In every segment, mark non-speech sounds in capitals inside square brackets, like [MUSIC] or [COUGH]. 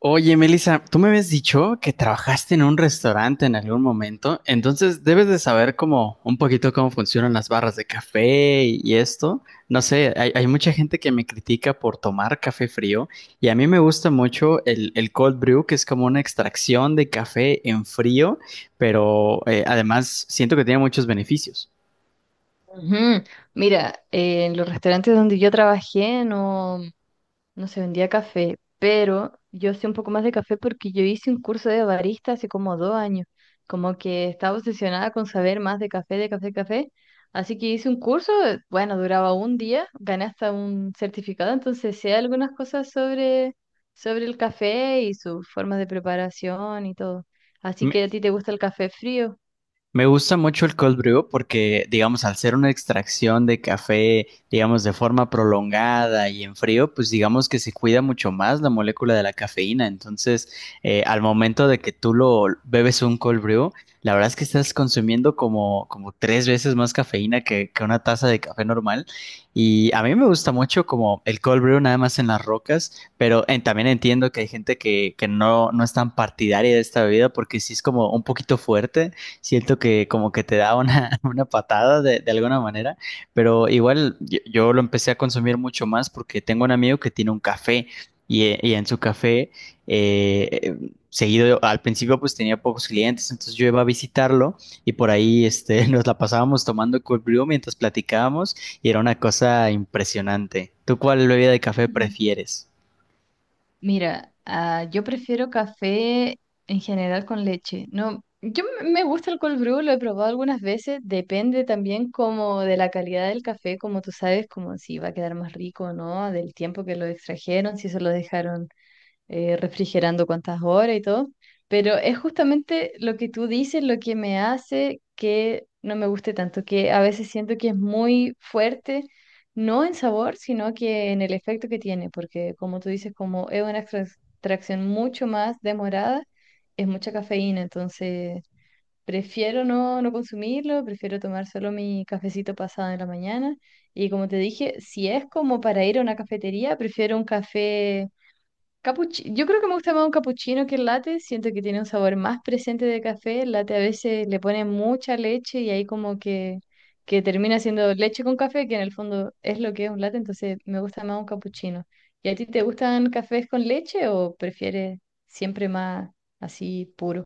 Oye, Melissa, tú me habías dicho que trabajaste en un restaurante en algún momento, entonces debes de saber cómo un poquito cómo funcionan las barras de café y esto. No sé, hay mucha gente que me critica por tomar café frío y a mí me gusta mucho el cold brew, que es como una extracción de café en frío, pero además siento que tiene muchos beneficios. Ujú. Mira, en los restaurantes donde yo trabajé, no se vendía café, pero yo sé un poco más de café porque yo hice un curso de barista hace como 2 años, como que estaba obsesionada con saber más de café, café, así que hice un curso. Bueno duraba un día, gané hasta un certificado, entonces sé algunas cosas sobre, el café y sus formas de preparación y todo. Así que a ti te gusta el café frío. Me gusta mucho el cold brew porque, digamos, al ser una extracción de café, digamos, de forma prolongada y en frío, pues digamos que se cuida mucho más la molécula de la cafeína. Entonces, al momento de que tú lo bebes un cold brew, la verdad es que estás consumiendo como tres veces más cafeína que una taza de café normal. Y a mí me gusta mucho como el cold brew nada más en las rocas, pero también entiendo que hay gente que no es tan partidaria de esta bebida porque sí es como un poquito fuerte, siento que como que te da una, [LAUGHS] una patada de alguna manera, pero igual yo lo empecé a consumir mucho más porque tengo un amigo que tiene un café y en su café eh, eh, seguido, al principio pues tenía pocos clientes, entonces yo iba a visitarlo y por ahí este, [LAUGHS] nos la pasábamos tomando cold brew mientras platicábamos y era una cosa impresionante. ¿Tú cuál bebida de café [LAUGHS] prefieres? Mira, yo prefiero café en general con leche. No, yo me gusta el cold brew, lo he probado algunas veces, depende también como de la calidad del café, como tú sabes, como si va a quedar más rico o no, del tiempo que lo extrajeron, si se lo dejaron refrigerando cuántas horas y todo, pero es justamente lo que tú dices lo que me hace que no me guste tanto, que a veces siento que es muy fuerte, no en sabor, sino que en el efecto que tiene, porque como tú dices, como es una extracción mucho más demorada, es mucha cafeína, entonces prefiero no consumirlo, prefiero tomar solo mi cafecito pasado en la mañana. Y como te dije, si es como para ir a una cafetería, prefiero un café yo creo que me gusta más un capuchino que el latte. Siento que tiene un sabor más presente de café. El latte a veces le pone mucha leche y ahí como que termina siendo leche con café, que en el fondo es lo que es un latte. Entonces me gusta más un capuchino. ¿Y a ti te gustan cafés con leche o prefieres siempre más así puro?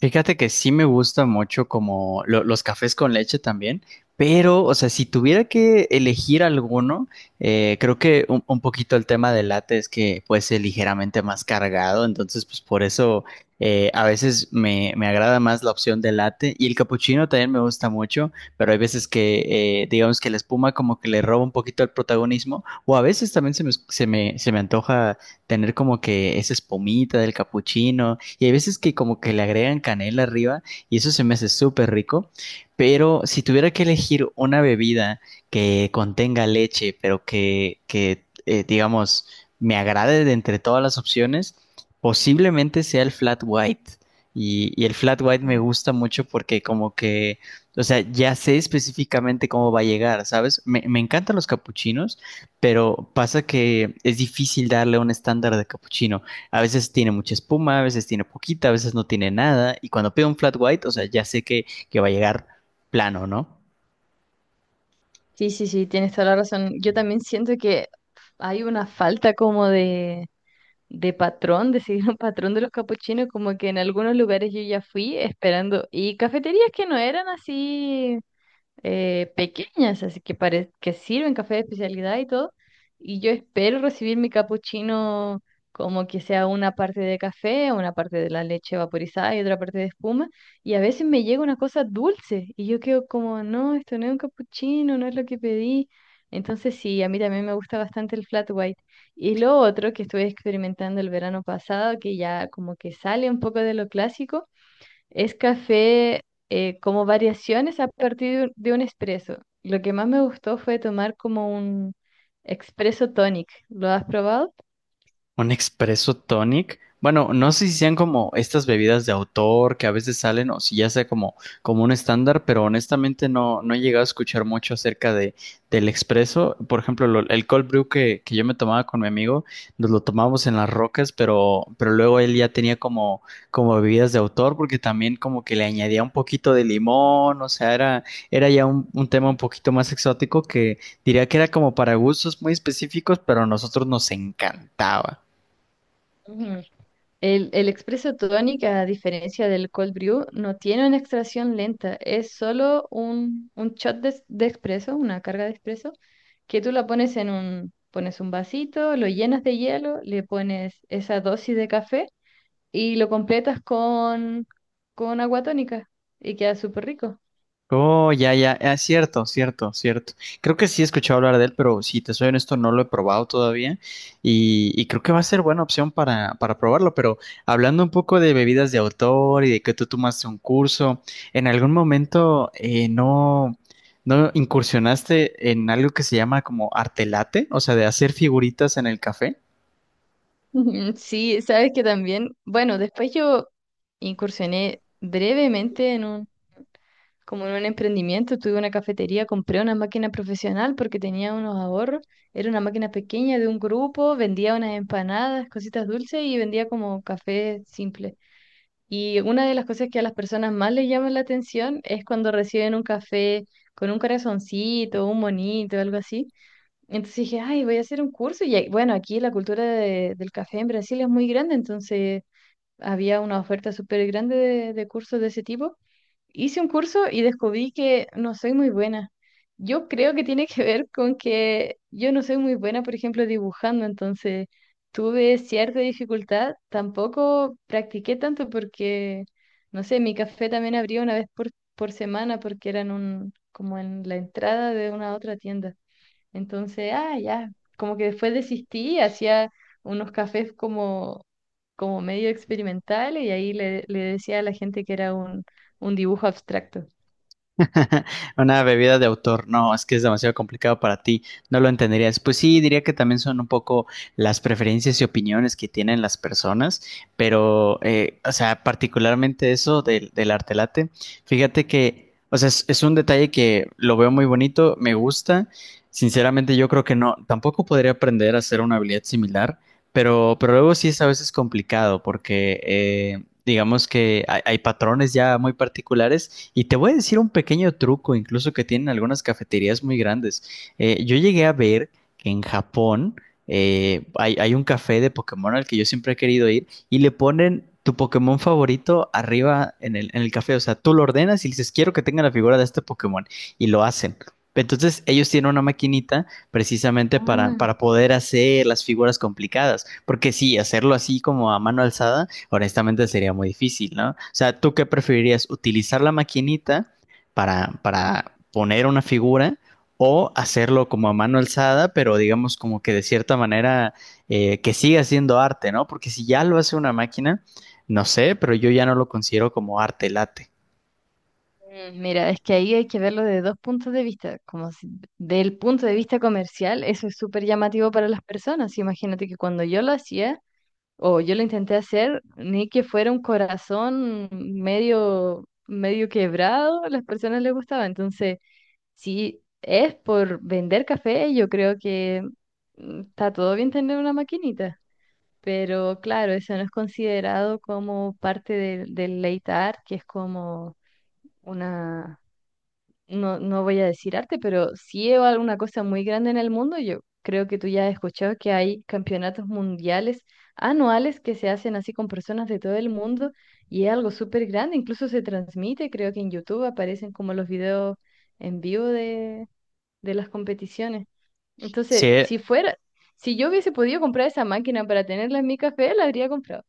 Fíjate que sí me gusta mucho como los cafés con leche también, pero, o sea, si tuviera que elegir alguno, creo que un poquito el tema del latte es que puede ser ligeramente más cargado, entonces pues por eso a veces me agrada más la opción del latte y el capuchino también me gusta mucho, pero hay veces que digamos que la espuma como que le roba un poquito el protagonismo o a veces también se me antoja tener como que esa espumita del capuchino y hay veces que como que le agregan canela arriba y eso se me hace súper rico. Pero si tuviera que elegir una bebida que contenga leche, pero que digamos, me agrade de entre todas las opciones, posiblemente sea el flat white. Y el flat white me Mm. gusta mucho porque como que, o sea, ya sé específicamente cómo va a llegar, ¿sabes? Me encantan los capuchinos, pero pasa que es difícil darle un estándar de capuchino. A veces tiene mucha espuma, a veces tiene poquita, a veces no tiene nada, y cuando pido un flat white, o sea, ya sé que va a llegar plano, ¿no? Sí, sí, sí, tienes toda la razón. Yo también siento que hay una falta como de patrón, de seguir un [LAUGHS] patrón de los capuchinos, como que en algunos lugares yo ya fui esperando, y cafeterías que no eran así pequeñas, que sirven café de especialidad y todo. Y yo espero recibir mi capuchino como que sea una parte de café, una parte de la leche vaporizada y otra parte de espuma. Y a veces me llega una cosa dulce y yo quedo como, no, esto no es un capuchino, no es lo que pedí. Entonces sí, a mí también me gusta bastante el flat white. Y lo otro que estuve experimentando el verano pasado, que ya como que sale un poco de lo clásico, es café, como variaciones a partir de un espresso. Lo que más me gustó fue tomar como un espresso tonic. ¿Lo has probado? Un expreso tonic. Bueno, no sé si sean como estas bebidas de autor que a veces salen o si ya sea como, como un estándar, pero honestamente no, no he llegado a escuchar mucho acerca de, del expreso. Por ejemplo, el cold brew que yo me tomaba con mi amigo, nos lo tomábamos en las rocas, pero luego él ya tenía como, como bebidas de autor porque también como que le añadía un poquito de limón, o sea, era, era ya un tema un poquito más exótico que diría que era como para gustos muy específicos, pero a nosotros nos encantaba. Ujú. El espresso tonic, a diferencia del cold brew, no tiene una extracción lenta, es solo un shot de espresso, una carga de espresso que tú la pones en un, pones un vasito, lo llenas de hielo, le pones esa dosis de café y lo completas con, agua tónica, y queda súper rico. Oh, ya, ya, es cierto, cierto, cierto. Creo que sí he escuchado hablar de él, pero si te soy honesto, no lo he probado todavía y creo que va a ser buena opción para probarlo, pero hablando un poco de bebidas de autor y de que tú tomaste un curso, ¿en algún momento no incursionaste en algo que se llama como arte latte? O sea, de hacer figuritas en el café. [LAUGHS] Ujú, sí, sabes que también, bueno, después yo incursioné brevemente en un, como en un emprendimiento, tuve una cafetería, compré una máquina profesional porque tenía unos ahorros, era una máquina pequeña de un grupo, vendía unas empanadas, cositas dulces y vendía como café simple. Y una de las cosas que a las personas más les llama la atención es cuando reciben un café con un corazoncito, un monito, algo así. Entonces dije, ay, voy a hacer un curso. Bueno, aquí la cultura del café en Brasil es muy grande, entonces había una oferta súper grande de, cursos de ese tipo. Hice un curso y descubrí que no soy muy buena. Yo creo que tiene que ver con que yo no soy muy buena, por ejemplo, dibujando, entonces tuve cierta dificultad. Tampoco practiqué tanto porque, no sé, mi café también abría una vez por, semana porque eran un, como en la entrada de una otra tienda. Entonces, ah, ya, como que después desistí, hacía unos cafés como, como medio experimentales y ahí le decía a la gente que era un, dibujo abstracto. [LAUGHS] Una bebida de autor, no, es que es demasiado complicado para ti, no lo entenderías. Pues sí, diría que también son un poco las preferencias y opiniones que tienen las personas, pero, o sea, particularmente eso del arte latte, fíjate que, o sea, es un detalle que lo veo muy bonito, me gusta. Sinceramente, yo creo que no, tampoco podría aprender a hacer una habilidad similar, pero luego sí es a veces complicado porque digamos que hay patrones ya muy particulares y te voy a decir un pequeño truco, incluso que tienen algunas cafeterías muy grandes. Yo llegué a ver que en Japón hay un café de Pokémon al que yo siempre he querido ir y le ponen tu Pokémon favorito arriba en en el café. O sea, tú lo ordenas y le dices, quiero que tenga la figura de este Pokémon. Y lo hacen. Entonces ellos tienen una maquinita precisamente Ah. para poder hacer las figuras complicadas, porque sí, hacerlo así como a mano alzada honestamente sería muy difícil, ¿no? O sea, ¿tú qué preferirías? ¿Utilizar la maquinita para poner una figura o hacerlo como a mano alzada, pero digamos como que de cierta manera que siga siendo arte, ¿no? Porque si ya lo hace una máquina, no sé, pero yo ya no lo considero como arte late. Mm, mira, es que ahí hay que verlo de dos puntos de vista. Como si, del punto de vista comercial, eso es súper llamativo para las personas. Imagínate que cuando yo lo hacía o yo lo intenté hacer, ni que fuera un corazón medio, medio quebrado, a las personas les gustaba. Entonces, si es por vender café, yo creo que mm, está todo bien tener una maquinita, pero claro, eso no es considerado como parte del late art, que es como una, no, no voy a decir arte, pero sí es alguna cosa muy grande en el mundo. Yo creo que tú ya has escuchado que hay campeonatos mundiales anuales que se hacen así con personas de todo el mundo y es algo súper grande, incluso se transmite, creo que en YouTube aparecen como los videos en vivo de las competiciones. Entonces, Sí. Si yo hubiese podido comprar esa máquina para tenerla en mi café, la habría comprado.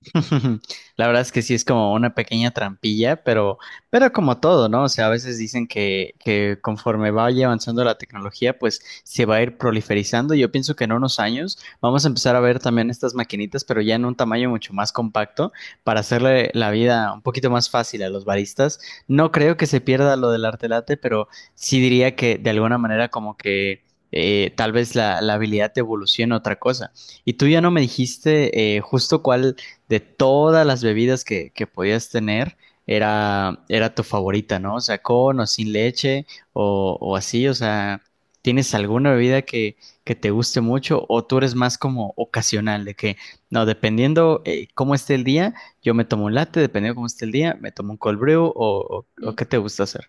[LAUGHS] La verdad es que sí es como una pequeña trampilla, pero como todo, ¿no? O sea, a veces dicen que conforme vaya avanzando la tecnología, pues se va a ir proliferizando. Yo pienso que en unos años vamos a empezar a ver también estas maquinitas, pero ya en un tamaño mucho más compacto para hacerle la vida un poquito más fácil a los baristas. No creo que se pierda lo del arte latte, pero sí diría que de alguna manera como que tal vez la habilidad te evolucione a otra cosa. Y tú ya no me dijiste justo cuál de todas las bebidas que podías tener, era tu favorita, ¿no? O sea, con o sin leche o así, o sea, ¿tienes alguna bebida que te guste mucho o tú eres más como ocasional, de que, no, dependiendo cómo esté el día, yo me tomo un latte, dependiendo cómo esté el día, me tomo un cold brew o Mm. qué te gusta hacer?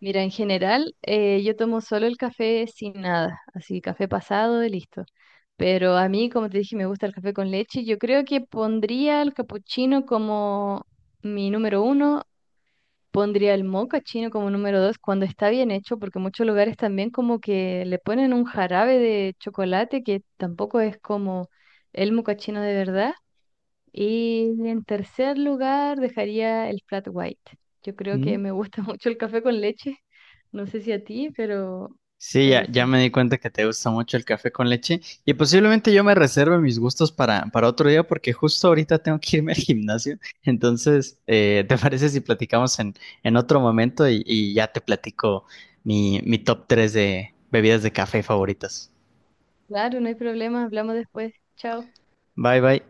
Mira, en general, yo tomo solo el café sin nada, así café pasado y listo. Pero a mí, como te dije, me gusta el café con leche. Yo creo que pondría el capuchino como mi número uno, pondría el mocha chino como número dos cuando está bien hecho, porque muchos lugares también como que le ponen un jarabe de chocolate que tampoco es como el mocha chino de verdad. Y en tercer lugar dejaría el flat white. Yo creo ¿Mm? que me gusta [LAUGHS] mucho el café con leche. No sé si a ti, Sí, ya, pero ya sí. me di cuenta que te gusta mucho el café con leche y posiblemente yo me reserve mis gustos para otro día porque justo ahorita tengo que irme al gimnasio. Entonces, ¿te parece si platicamos en otro momento y ya te platico mi top 3 de bebidas de café favoritas? Claro, no hay problema, hablamos después. Chao. Bye, bye.